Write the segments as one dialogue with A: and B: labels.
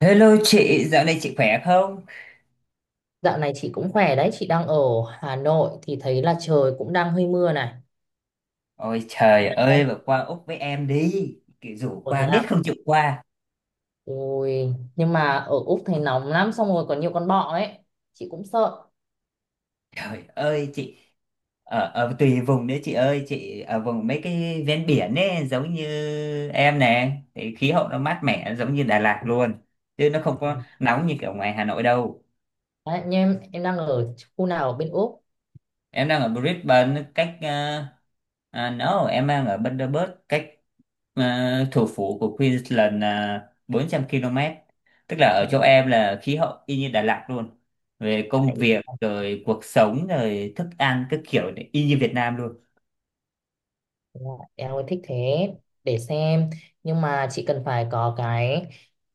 A: Hello chị, dạo này chị khỏe không?
B: Dạo này chị cũng khỏe đấy, chị đang ở Hà Nội thì thấy là trời cũng đang hơi mưa này.
A: Ôi trời
B: Đang
A: ơi, mà qua Úc với em đi. Kiểu rủ
B: có thế
A: qua biết
B: à?
A: không chịu qua.
B: Ui, nhưng mà ở Úc thấy nóng lắm, xong rồi có nhiều con bọ ấy. Chị cũng sợ.
A: Trời ơi chị, ở tùy vùng đấy chị ơi, chị ở vùng mấy cái ven biển ấy, giống như em nè. Thì khí hậu nó mát mẻ giống như Đà Lạt luôn. Chứ nó không
B: Ừ.
A: có nóng như kiểu ngoài Hà Nội đâu.
B: Đấy, nhưng em đang ở khu nào ở bên Úc?
A: Em đang ở Brisbane cách à, no, em đang ở Bundaberg cách ờ, thủ phủ của Queensland là 400 km. Tức là ở chỗ
B: Ừ.
A: em là khí hậu y như Đà Lạt luôn. Về công
B: Ý
A: việc rồi cuộc sống rồi thức ăn các kiểu này, y như Việt Nam luôn.
B: là em ơi, thích thế, để xem. Nhưng mà chị cần phải có cái,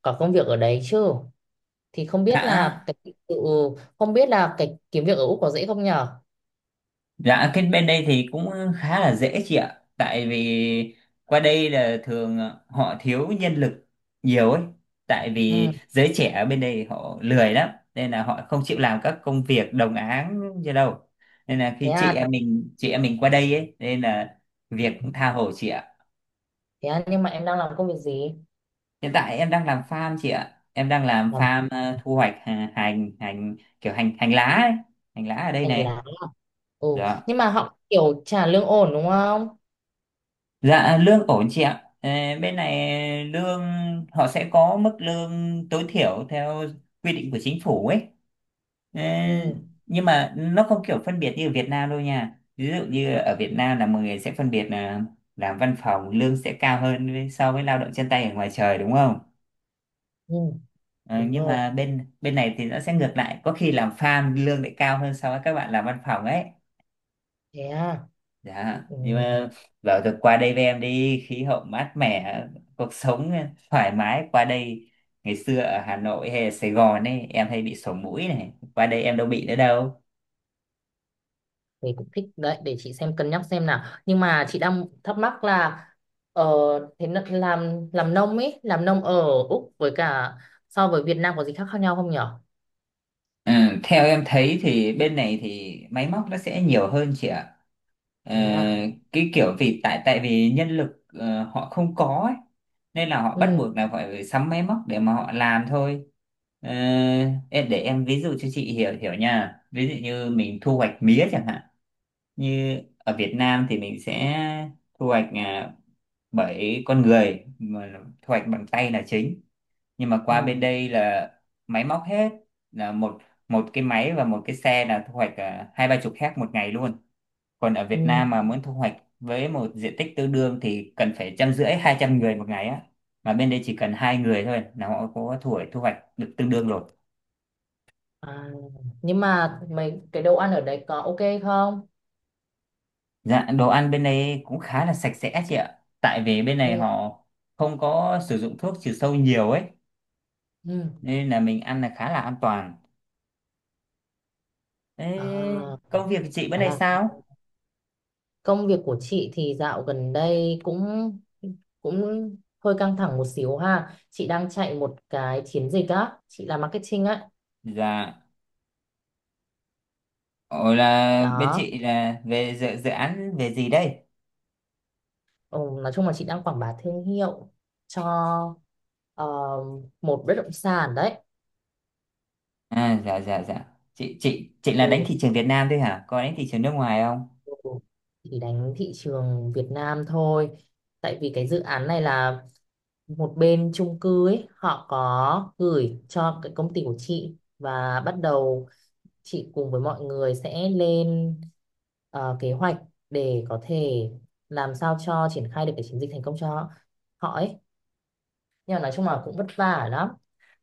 B: có công việc ở đấy chứ. Thì không biết
A: Đã.
B: là cái, ừ, không biết là cái kiếm việc ở Úc có dễ không nhở?
A: Dạ, cái bên đây thì cũng khá là dễ chị ạ. Tại vì qua đây là thường họ thiếu nhân lực nhiều ấy. Tại
B: Ừ.
A: vì giới trẻ ở bên đây họ lười lắm. Nên là họ không chịu làm các công việc đồng áng như đâu. Nên là
B: Thế
A: khi chị
B: à,
A: em mình chị em mình qua đây ấy. Nên là việc cũng tha hồ chị ạ.
B: thế à, nhưng mà em đang làm công việc gì?
A: Hiện tại em đang làm farm chị ạ. Em đang làm
B: Làm
A: farm thu hoạch hành kiểu hành hành lá ấy. Hành lá ở đây
B: hành
A: này.
B: lá, ừ.
A: Dạ.
B: Nhưng mà họ kiểu trả lương ổn đúng không?
A: Dạ lương ổn chị ạ. Ờ, Bên này lương họ sẽ có mức lương tối thiểu theo quy định của chính phủ ấy. Ờ,
B: Ừ.
A: Nhưng mà nó không kiểu phân biệt như ở Việt Nam đâu nha. Ví dụ như ở Việt Nam là mọi người sẽ phân biệt là làm văn phòng lương sẽ cao hơn so với lao động chân tay ở ngoài trời đúng không?
B: Ừ.
A: Ờ,
B: Đúng
A: nhưng
B: rồi.
A: mà bên bên này thì nó sẽ ngược lại, có khi làm farm lương lại cao hơn so với các bạn làm văn phòng ấy.
B: Thế à.
A: Dạ,
B: Ừ.
A: nhưng mà bảo được qua đây với em đi, khí hậu mát mẻ, cuộc sống thoải mái qua đây. Ngày xưa ở Hà Nội hay ở Sài Gòn ấy, em hay bị sổ mũi này, qua đây em đâu bị nữa đâu.
B: Thì cũng thích đấy, để chị xem cân nhắc xem nào. Nhưng mà chị đang thắc mắc là ờ, làm nông ấy, làm nông ở Úc với cả so với Việt Nam có gì khác khác nhau không nhở?
A: Ừ, theo em thấy thì bên này thì máy móc nó sẽ nhiều hơn chị ạ. Ờ,
B: Thế à.
A: cái kiểu vì tại tại vì nhân lực họ không có ấy, nên là họ bắt
B: Ừ.
A: buộc là phải sắm máy móc để mà họ làm thôi. Ờ, em để em ví dụ cho chị hiểu hiểu nha. Ví dụ như mình thu hoạch mía chẳng hạn. Như ở Việt Nam thì mình sẽ thu hoạch à, bởi con người mà thu hoạch bằng tay là chính, nhưng mà qua
B: Ừ.
A: bên đây là máy móc hết, là một một cái máy và một cái xe là thu hoạch à, hai ba chục héc một ngày luôn, còn ở
B: Ừ.
A: Việt Nam mà muốn thu hoạch với một diện tích tương đương thì cần phải trăm rưỡi hai trăm người một ngày á, mà bên đây chỉ cần hai người thôi là họ có thu hoạch được tương đương rồi.
B: À. Nhưng mà mấy cái đồ ăn ở đấy có ok không?
A: Dạ, đồ ăn bên đây cũng khá là sạch sẽ chị ạ, tại vì bên này
B: Ừ.
A: họ không có sử dụng thuốc trừ sâu nhiều ấy,
B: Ừ.
A: nên là mình ăn là khá là an toàn. Ê,
B: À,
A: công việc của chị bữa
B: khá
A: nay
B: là.
A: sao?
B: Công việc của chị thì dạo gần đây cũng cũng hơi căng thẳng một xíu ha. Chị đang chạy một cái chiến dịch á, chị làm marketing á.
A: Dạ. Ồ, là bên
B: Đó,
A: chị là về dự án về gì đây?
B: ừ, nói chung là chị đang quảng bá thương hiệu cho ờ, một bất động sản đấy.
A: À, dạ dạ dạ. Chị là đánh
B: Ừ,
A: thị trường Việt Nam thôi hả? Có đánh thị trường nước ngoài không?
B: ừ. Chỉ đánh thị trường Việt Nam thôi. Tại vì cái dự án này là một bên chung cư ấy, họ có gửi cho cái công ty của chị và bắt đầu chị cùng với mọi người sẽ lên kế hoạch để có thể làm sao cho triển khai được cái chiến dịch thành công cho họ ấy. Nhưng mà nói chung là cũng vất vả lắm,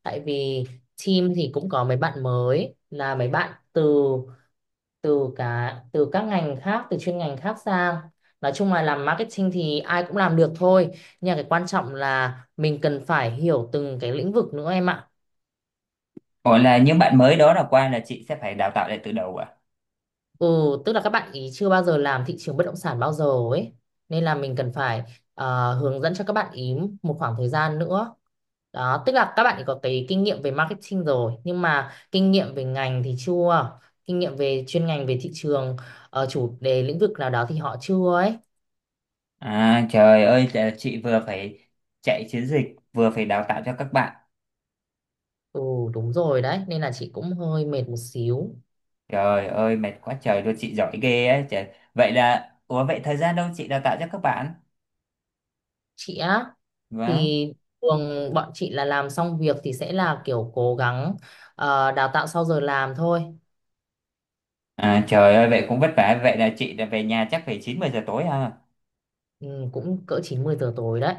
B: tại vì team thì cũng có mấy bạn mới, là mấy bạn từ từ cả từ các ngành khác, từ chuyên ngành khác sang. Nói chung là làm marketing thì ai cũng làm được thôi, nhưng mà cái quan trọng là mình cần phải hiểu từng cái lĩnh vực nữa em ạ.
A: Ồ, là những bạn mới đó là qua là chị sẽ phải đào tạo lại từ đầu à?
B: Ừ, tức là các bạn ý chưa bao giờ làm thị trường bất động sản bao giờ ấy. Nên là mình cần phải hướng dẫn cho các bạn ý một khoảng thời gian nữa. Đó, tức là các bạn ý có cái kinh nghiệm về marketing rồi, nhưng mà kinh nghiệm về ngành thì chưa. Kinh nghiệm về chuyên ngành về thị trường, chủ đề lĩnh vực nào đó thì họ chưa ấy.
A: À trời ơi, là chị vừa phải chạy chiến dịch vừa phải đào tạo cho các bạn.
B: Ừ, đúng rồi đấy, nên là chị cũng hơi mệt một xíu.
A: Trời ơi mệt quá trời luôn, chị giỏi ghê ấy. Trời. Vậy là ủa vậy thời gian đâu chị đào tạo cho các bạn?
B: Chị á
A: Vâng.
B: thì thường bọn chị là làm xong việc thì sẽ là kiểu cố gắng đào tạo sau giờ làm thôi.
A: À trời ơi vậy cũng vất vả. Vậy là chị là về nhà chắc phải 9 10 giờ tối ha.
B: Ừ, cũng cỡ 90 giờ tối đấy.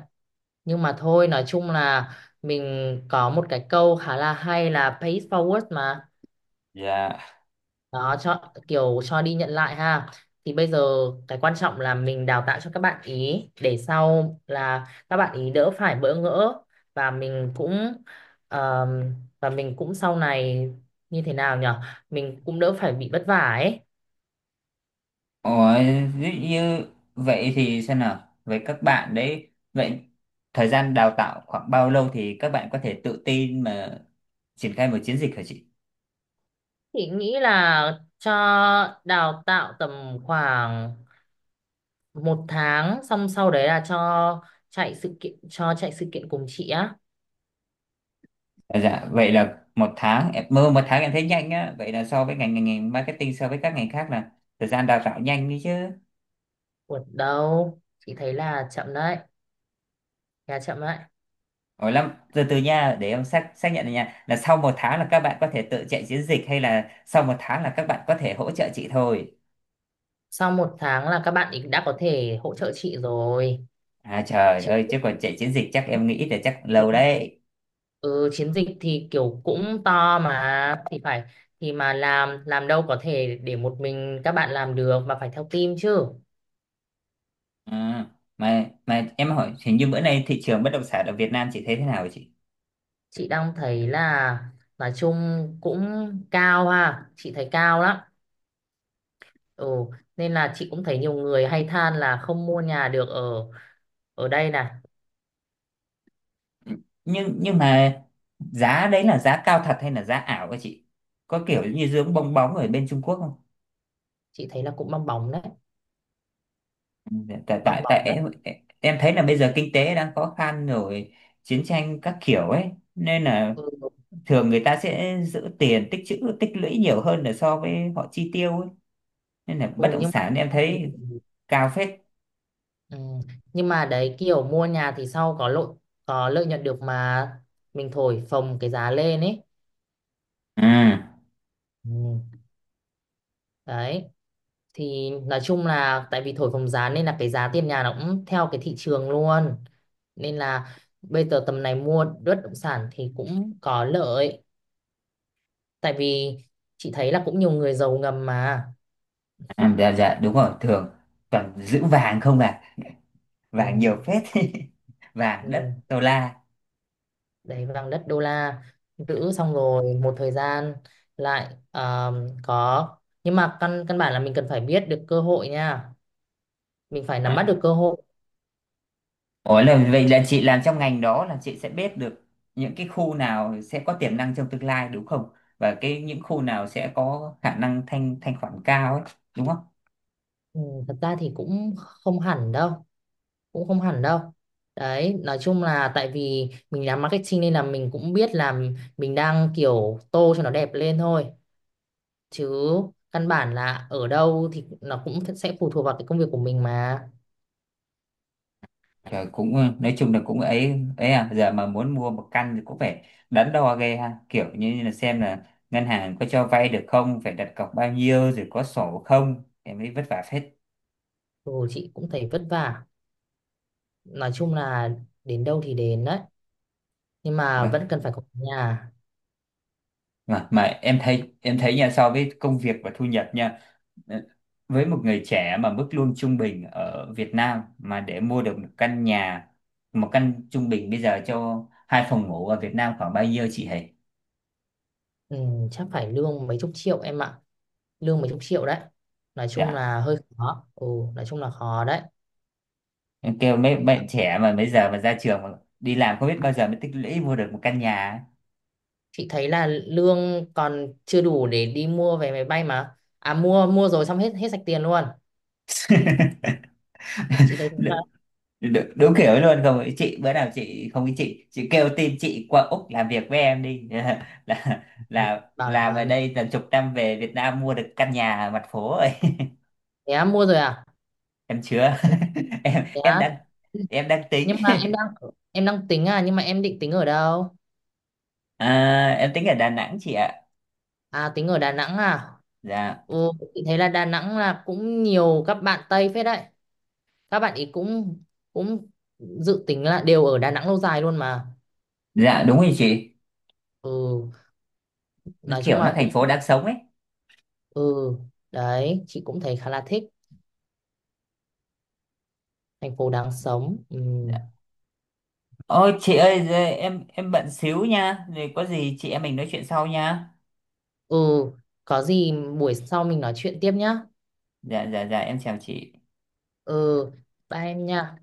B: Nhưng mà thôi, nói chung là mình có một cái câu khá là hay là pay it forward mà.
A: Dạ.
B: Đó, cho kiểu cho đi nhận lại ha. Thì bây giờ cái quan trọng là mình đào tạo cho các bạn ý để sau là các bạn ý đỡ phải bỡ ngỡ, và mình cũng ờm, và mình cũng sau này như thế nào nhở. Mình cũng đỡ phải bị vất vả ấy.
A: Ủa, ví dụ như vậy thì xem nào, với các bạn đấy, vậy thời gian đào tạo khoảng bao lâu thì các bạn có thể tự tin mà triển khai một chiến dịch hả chị?
B: Thì nghĩ là cho đào tạo tầm khoảng một tháng xong sau đấy là cho chạy sự kiện cùng chị á.
A: À, dạ, vậy là một tháng, em mơ một tháng em thấy nhanh á, vậy là so với ngành ngành, ngành marketing so với các ngành khác là thời gian đào tạo nhanh đi chứ.
B: Ủa đâu, chị thấy là chậm đấy, khá chậm đấy.
A: Ủa lắm, từ từ nha, để em xác xác nhận này nha, là sau một tháng là các bạn có thể tự chạy chiến dịch hay là sau một tháng là các bạn có thể hỗ trợ chị thôi?
B: Sau một tháng là các bạn ý đã có thể hỗ trợ chị rồi.
A: À trời
B: Chị,
A: ơi, chứ còn chạy chiến dịch chắc em nghĩ là chắc lâu đấy.
B: ừ, chiến dịch thì kiểu cũng to mà thì phải thì mà làm đâu có thể để một mình các bạn làm được mà phải theo team chứ.
A: À, mà em hỏi hình như bữa nay thị trường bất động sản ở Việt Nam chị thấy thế nào hả chị?
B: Chị đang thấy là nói chung cũng cao ha, chị thấy cao lắm. Ừ, nên là chị cũng thấy nhiều người hay than là không mua nhà được ở ở đây này.
A: Nhưng mà giá đấy là giá cao thật hay là giá ảo hả chị? Có kiểu như dưỡng bong bóng ở bên Trung Quốc không?
B: Chị thấy là cũng bong bóng đấy,
A: Ừ, Tại
B: bong
A: tại tại
B: bóng đấy.
A: em thấy là bây giờ kinh tế đang khó khăn rồi, chiến tranh các kiểu ấy nên là
B: Ừ,
A: thường người ta sẽ giữ tiền tích trữ tích lũy nhiều hơn là so với họ chi tiêu ấy. Nên là
B: ừ
A: bất động
B: nhưng mà
A: sản em thấy cao phết.
B: ừ. Nhưng mà đấy kiểu mua nhà thì sau có lợi, có lợi nhuận được mà mình thổi phồng cái giá lên ấy.
A: Ừ,
B: Ừ. Đấy, thì nói chung là tại vì thổi phồng giá nên là cái giá tiền nhà nó cũng theo cái thị trường luôn. Nên là bây giờ tầm này mua bất động sản thì cũng có lợi, tại vì chị thấy là cũng nhiều người giàu ngầm mà.
A: à, dạ dạ đúng rồi, thường toàn giữ vàng không à, vàng
B: Ừ,
A: nhiều phết vàng
B: ừ.
A: đất đô la
B: Đấy, vàng đất đô la, giữ xong rồi một thời gian lại có. Nhưng mà căn căn bản là mình cần phải biết được cơ hội nha, mình phải nắm bắt
A: à.
B: được cơ hội.
A: Ủa, là vậy là chị làm trong ngành đó là chị sẽ biết được những cái khu nào sẽ có tiềm năng trong tương lai đúng không, và cái những khu nào sẽ có khả năng thanh thanh khoản cao ấy đúng không?
B: Ừ, thật ra thì cũng không hẳn đâu, cũng không hẳn đâu. Đấy nói chung là tại vì mình làm marketing nên là mình cũng biết là mình đang kiểu tô cho nó đẹp lên thôi, chứ căn bản là ở đâu thì nó cũng sẽ phụ thuộc vào cái công việc của mình mà.
A: Trời, cũng ừ, nói chung là cũng ấy ấy à, giờ mà muốn mua một căn thì cũng phải đắn đo ghê ha, kiểu như là xem là ngân hàng có cho vay được không, phải đặt cọc bao nhiêu, rồi có sổ không em ấy, vất vả phết.
B: Ồ, chị cũng thấy vất vả. Nói chung là đến đâu thì đến đấy. Nhưng mà
A: Vâng.
B: vẫn cần phải có nhà.
A: Mà em thấy nha, so với công việc và thu nhập nha, ờ, với một người trẻ mà mức lương trung bình ở Việt Nam mà để mua được một căn nhà, một căn trung bình bây giờ cho hai phòng ngủ ở Việt Nam khoảng bao nhiêu chị hề?
B: Ừ, chắc phải lương mấy chục triệu em ạ. Lương mấy chục triệu đấy. Nói chung
A: Dạ,
B: là hơi khó. Ồ, nói chung là khó đấy.
A: em kêu mấy bạn trẻ mà bây giờ mà ra trường mà đi làm không biết bao giờ mới tích lũy mua được một căn nhà.
B: Chị thấy là lương còn chưa đủ để đi mua vé máy bay mà. À mua mua rồi xong hết hết sạch tiền luôn. Chị thấy thế là
A: Đ- đúng kiểu ấy luôn không ý chị, bữa nào chị không ý chị kêu tin chị qua Úc làm việc với em đi là là
B: bảo là
A: làm ở đây tầm chục năm về Việt Nam mua được căn nhà ở mặt phố rồi.
B: thế á, mua rồi à?
A: Em chưa.
B: Ừ,
A: em
B: thế
A: em
B: á.
A: đang, em đang tính.
B: Nhưng mà em đang tính à, nhưng mà em định tính ở đâu?
A: À, em tính ở Đà Nẵng chị ạ.
B: À tính ở Đà Nẵng à?
A: Dạ
B: Ồ, chị thấy là Đà Nẵng là cũng nhiều các bạn Tây phết đấy. Các bạn ý cũng cũng dự tính là đều ở Đà Nẵng lâu dài luôn mà.
A: dạ đúng rồi chị,
B: Ừ,
A: nó
B: nói chung
A: kiểu nó
B: là
A: thành
B: cũng
A: phố đáng sống ấy.
B: ừ, đấy, chị cũng thấy khá là thích thành phố đáng sống. Ừ.
A: Dạ. Ôi chị ơi giờ em bận xíu nha, rồi có gì chị em mình nói chuyện sau nha.
B: Ừ, có gì buổi sau mình nói chuyện tiếp nhá.
A: Dạ dạ dạ em chào chị.
B: Ừ, bye em nha.